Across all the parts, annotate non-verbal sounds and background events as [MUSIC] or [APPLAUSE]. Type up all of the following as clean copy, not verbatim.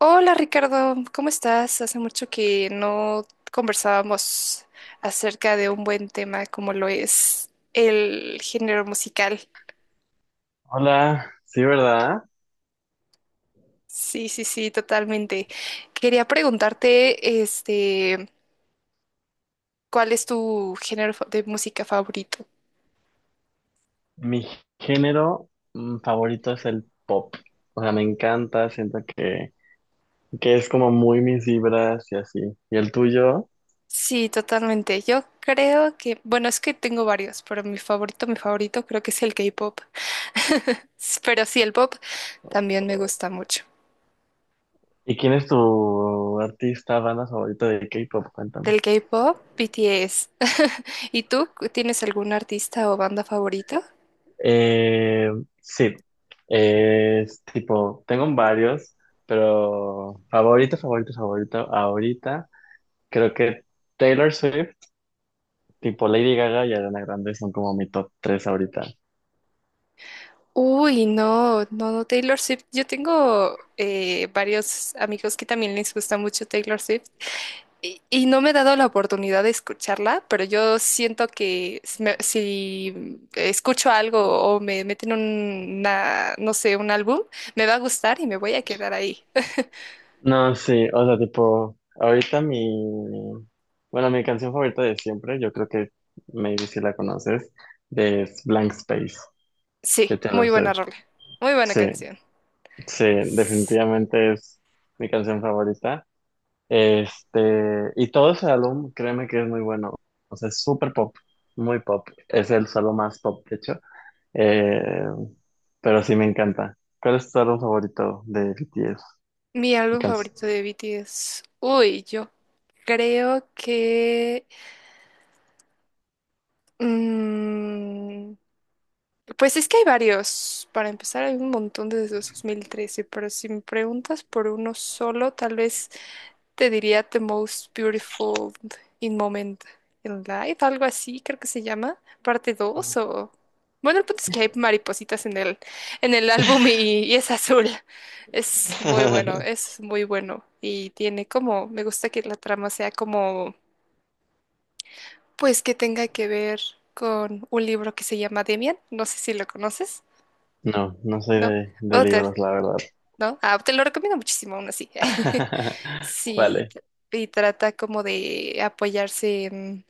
Hola Ricardo, ¿cómo estás? Hace mucho que no conversábamos acerca de un buen tema como lo es el género musical. Hola, sí, ¿verdad? Sí, sí, sí, totalmente. Quería preguntarte, ¿cuál es tu género de música favorito? Mi género favorito es el pop. O sea, me encanta, siento que es como muy mis vibras y así. ¿Y el tuyo? Sí, totalmente. Yo creo que, bueno, es que tengo varios, pero mi favorito creo que es el K-pop. [LAUGHS] Pero sí, el pop también me gusta mucho. ¿Y quién es tu artista, banda favorita de K-pop? Cuéntame. Del K-pop, BTS. [LAUGHS] ¿Y tú tienes algún artista o banda favorita? Eh, sí, es tipo, tengo varios, pero favorito, ahorita creo que Taylor Swift, tipo Lady Gaga y Ariana Grande son como mi top 3 ahorita. Uy, no, no, no, Taylor Swift. Yo tengo varios amigos que también les gusta mucho Taylor Swift y no me he dado la oportunidad de escucharla, pero yo siento que si escucho algo o me meten una, no sé, un álbum, me va a gustar y me voy a quedar ahí. [LAUGHS] No, sí, o sea, tipo, ahorita mi canción favorita de siempre, yo creo que maybe si la conoces, de es Blank Space Sí, de Taylor muy buena Swift. rola, muy buena Sí, canción. sí, definitivamente es mi canción favorita. Este, y todo ese álbum, créeme que es muy bueno. O sea, es súper pop, muy pop. Es el solo más pop, de hecho. Eh, pero sí me encanta. ¿Cuál es tu álbum favorito de BTS? Mi álbum Canción. favorito de BTS. Uy, yo creo que mm, pues es que hay varios. Para empezar, hay un montón desde 2013, pero si me preguntas por uno solo, tal vez te diría The Most Beautiful in Moment in Life, algo así creo que se llama, parte 2 o... Bueno, el punto es que hay maripositas en el álbum y es azul. Es muy bueno, [LAUGHS] es muy bueno. Y tiene como, me gusta que la trama sea como, pues que tenga que ver con un libro que se llama Demian. No sé si lo conoces, No, no soy ¿no? De Other. libros, la verdad. ¿No? Ah, te lo recomiendo muchísimo aún así. [LAUGHS] [LAUGHS] Sí, Vale. Y trata como de apoyarse en,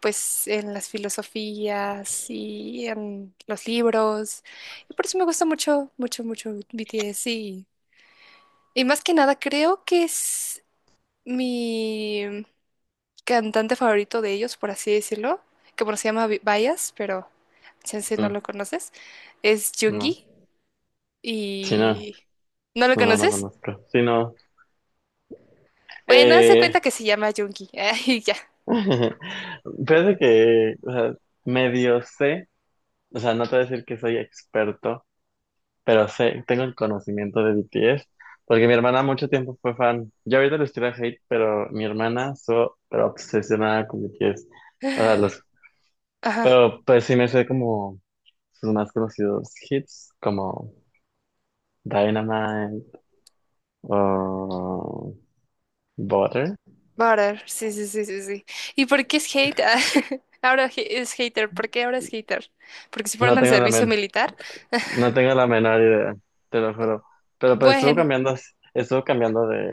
pues, en las filosofías y en los libros. Y por eso me gusta mucho, mucho, mucho BTS. Y más que nada, creo que es mi cantante favorito de ellos, por así decirlo, que bueno, se llama Bias, pero chance no Mm. lo conoces. Es No. Jungi Si no, y... ¿No lo no lo conoces? conozco. Si no, Bueno, hace eh... cuenta que se llama Junkie. [LAUGHS] Ay, ya. [LAUGHS] fíjate que, o sea, medio sé, o sea, no te voy a decir que soy experto, pero sé, tengo el conocimiento de BTS, porque mi hermana mucho tiempo fue fan. Yo ahorita les tiro hate, pero mi hermana estuvo pero obsesionada con BTS. O sea, los, Ajá. pero pues sí me sé como sus más conocidos hits, como Dynamite o Butter. Butter. Sí, sí, sí, sí, sí. ¿Y por qué es hate? Ah, [LAUGHS] ahora es hater. ¿Por qué ahora es hater? Porque si fueron No al tengo la servicio men- militar. no tengo la menor idea, te lo juro. Pero pues Bueno, estuvo cambiando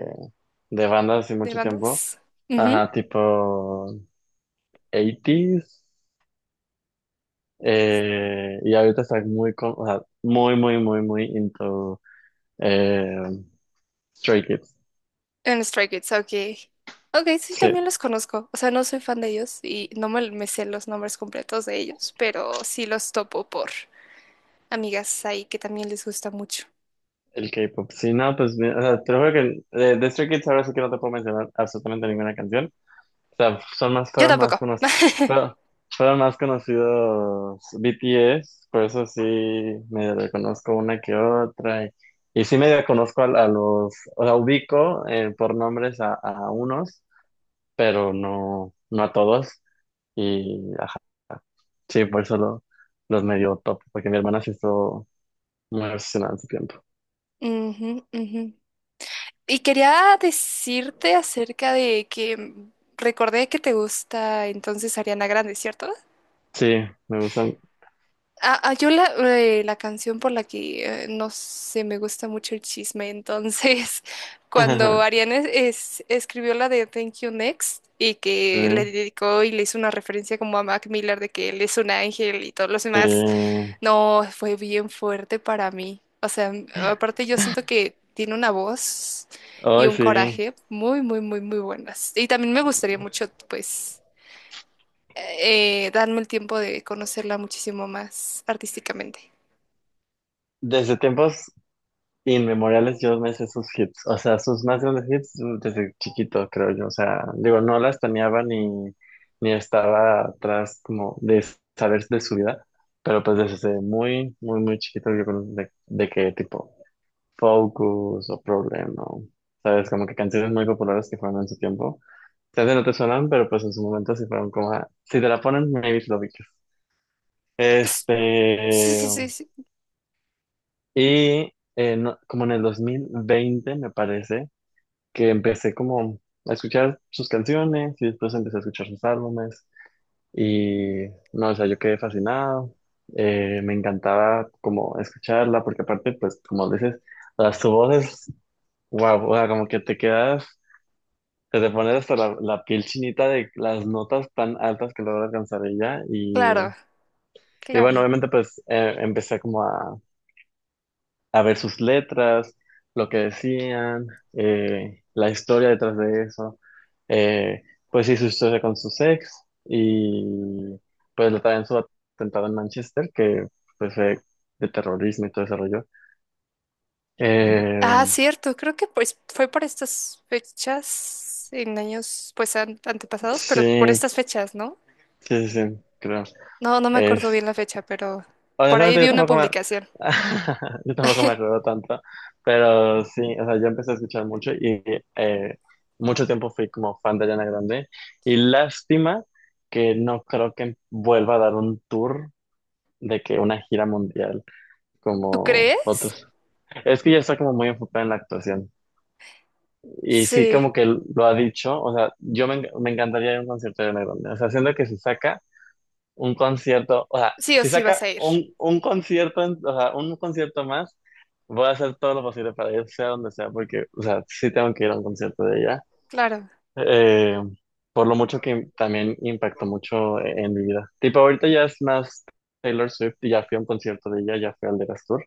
de banda hace de mucho tiempo. bandas. Ujú. Ajá, tipo 80 y ahorita está muy, o sea, muy, muy, muy, muy into eh, Stray Kids. En Stray Kids, ok. Ok, sí, Sí, también los conozco. O sea, no soy fan de ellos y no me sé los nombres completos de ellos, pero sí los topo por amigas ahí que también les gusta mucho. el K-pop. Sí, no, pues, o sea, te lo juro que de Stray Kids ahora sí que no te puedo mencionar absolutamente ninguna canción. O sea, son más, Yo fueron más tampoco. conocidos, fueron, fueron más conocidos BTS, por eso sí medio le conozco una que otra. Y sí medio conozco a los, o sea, ubico por nombres a unos, pero no, no a todos. Y ajá, sí, los medio top, porque mi hermana se hizo muy obsesionada en su tiempo. Ujú, ujú. Y quería decirte acerca de que recordé que te gusta entonces Ariana Grande, ¿cierto? Sí, me gustan. Ah, ah, la canción por la que no sé, me gusta mucho el chisme. Entonces, [LAUGHS] cuando [LAUGHS] Ariana escribió la de Thank You Next y que le Sí, dedicó y le hizo una referencia como a Mac Miller de que él es un ángel y todos los sí. demás, no, fue bien fuerte para mí. O sea, aparte yo siento que tiene una voz y Ay, un sí. coraje muy, muy, muy, muy buenas. Y también me gustaría mucho, pues darme el tiempo de conocerla muchísimo más artísticamente. Desde tiempos inmemoriales, yo me sé sus hits, o sea, sus más grandes hits desde chiquito, creo yo, o sea, digo, no las planeaba ni estaba atrás como de saber de su vida, pero pues desde muy, muy, muy chiquito de que tipo Focus o Problem, ¿no? ¿Sabes? Como que canciones muy populares que fueron en su tiempo, tal vez no te suenan, pero pues en su momento sí fueron como, ah, si te la ponen, maybe lo ubicas. Es- Este, sí, sí, sí, sí, y como en el 2020 me parece, que empecé como a escuchar sus canciones y después empecé a escuchar sus álbumes y no, o sea, yo quedé fascinado, me encantaba como escucharla porque aparte pues como dices, las su voz es wow, o sea, como que te quedas, se te pone hasta la, la piel chinita de las notas tan altas que logra alcanzar ella claro, y bueno, claro. obviamente pues empecé como a ver sus letras, lo que decían, la historia detrás de eso. Eh, pues sí, su historia con sus ex y pues le traen su atentado en Manchester, que pues fue de terrorismo y todo ese rollo. Eh, Ah, cierto, creo que pues fue por estas fechas, en años pues antepasados, pero por sí, estas fechas, ¿no? sí, sí, sí, creo. No, no me acuerdo bien la fecha, pero por ahí Honestamente, yo vi una tampoco me, publicación. [LAUGHS] yo tampoco me acuerdo tanto, pero sí, o sea, yo empecé a escuchar mucho y eh, mucho tiempo fui como fan de Ariana Grande y lástima que no creo que vuelva a dar un tour de que una gira mundial ¿Tú como crees? otros. Es que ya está como muy enfocada en la actuación y sí Sí, como que lo ha dicho, o sea, me encantaría ir a un concierto de Ariana Grande, o sea, siento que se saca un concierto, o sea, sí o si sí vas saca a ir. Un concierto, un concierto más, voy a hacer todo lo posible para ir, sea donde sea, porque, o sea, sí tengo que ir a un concierto de ella. Claro. Eh, por lo mucho que también impactó mucho en mi vida. Tipo, ahorita ya es más Taylor Swift y ya fui a un concierto de ella, ya fui al de Eras Tour.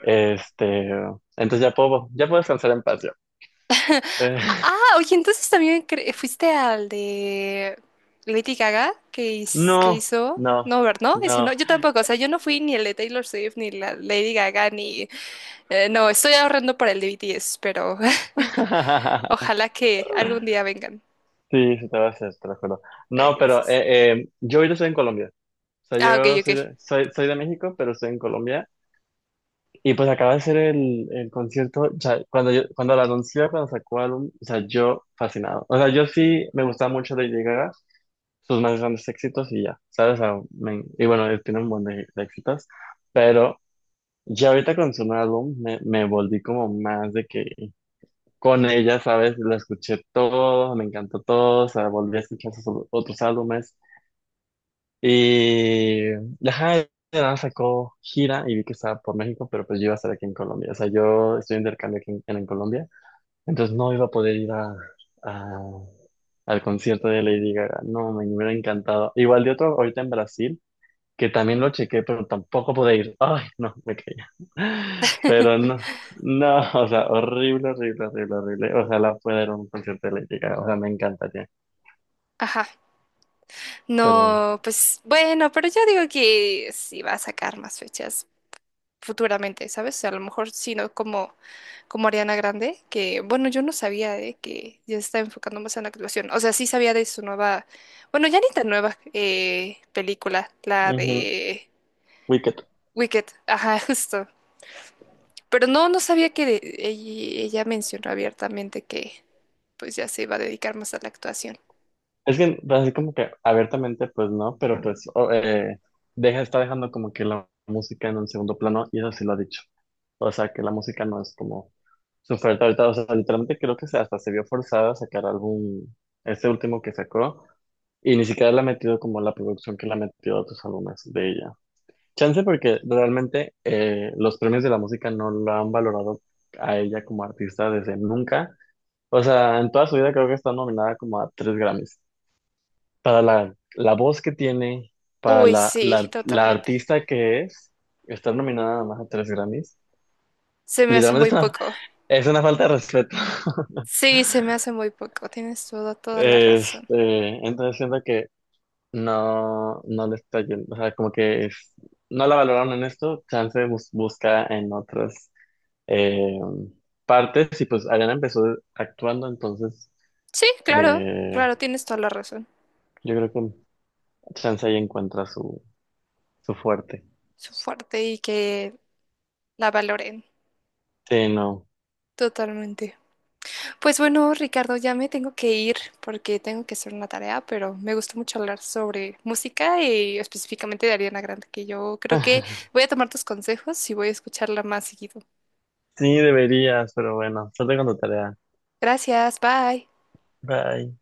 Este, entonces ya puedo descansar en paz ya. Eh, Ah, oye, entonces también fuiste al de Lady Gaga que, [LAUGHS] que no, hizo. no, No, ¿no? Ese no. no, yo tampoco. O sea, yo no fui ni el de Taylor Swift, ni la Lady Gaga, ni. No, estoy ahorrando para el de BTS, pero [LAUGHS] [LAUGHS] ojalá que algún día vengan. Sí, sí te va a hacer, te lo juro. Ay, No, pero gracias. Yo ahorita estoy en Colombia. O sea, Ah, ok, yo soy ok. de, soy de México, pero estoy en Colombia. Y pues acaba de ser el concierto. O sea, cuando la anunció, cuando sacó álbum, o sea, yo fascinado. O sea, yo sí me gustaba mucho de Lady Gaga, sus más grandes éxitos y ya, ¿sabes? O sea, y bueno, él tiene un buen de éxitos. Pero ya ahorita con su nuevo álbum me volví como más de que con ella, ¿sabes? La escuché todo, me encantó todo, o sea, volví a escuchar sus otros álbumes y ajá, de nada sacó gira y vi que estaba por México, pero pues yo iba a estar aquí en Colombia, o sea, yo estoy de intercambio aquí en Colombia, entonces no iba a poder ir a- al concierto de Lady Gaga, no, me hubiera encantado. Igual de otro ahorita en Brasil, que también lo chequé, pero tampoco pude ir. Ay, no, me caía. Pero no, no, [LAUGHS] o sea, horrible, horrible, horrible, horrible. Ojalá pueda ir a un concierto de Lady Gaga, o sea, me encantaría. Ajá. Pero, No, pues bueno, pero yo digo que sí va a sacar más fechas. Futuramente, ¿sabes? O sea, a lo mejor sí, no como Ariana Grande, que bueno, yo no sabía de que ya se está enfocando más en la actuación. O sea, sí sabía de su nueva, bueno, ya ni tan nueva película, la ujú, de Wicked. Wicked, ajá, [LAUGHS] justo. Pero no, no sabía que ella mencionó abiertamente que pues ya se iba a dedicar más a la actuación. Es que, pues, así como que abiertamente, pues no, pero pues deja, está dejando como que la música en un segundo plano, y eso sí lo ha dicho. O sea, que la música no es como su oferta ahorita. O sea, literalmente creo que se, hasta se vio forzada a sacar álbum, este último que sacó. Y ni siquiera la ha metido como la producción que la ha metido a otros álbumes de ella. Chance porque realmente los premios de la música no la han valorado a ella como artista desde nunca. O sea, en toda su vida creo que está nominada como a 3 Grammys. Para la, la voz que tiene, para Uy, sí, la totalmente. artista que es, estar nominada nada más a 3 Grammys. Se me hace Literalmente muy poco. es una falta de respeto. [LAUGHS] Sí, se me hace muy poco. Tienes toda, toda la razón. Este, entonces siento que no, no le está yendo, o sea, como que no la valoraron en esto, chance busca en otras eh, partes y pues Ariana empezó actuando, entonces Sí, claro, eh, claro, tienes toda la razón. yo creo que chance ahí encuentra su fuerte. Su fuerte y que la valoren Sí, no. totalmente. Pues bueno, Ricardo, ya me tengo que ir porque tengo que hacer una tarea, pero me gustó mucho hablar sobre música y específicamente de Ariana Grande, que yo creo que voy [LAUGHS] a tomar tus consejos y voy a escucharla más seguido. Sí, deberías, pero bueno, suerte con tu tarea. Gracias, bye. Bye.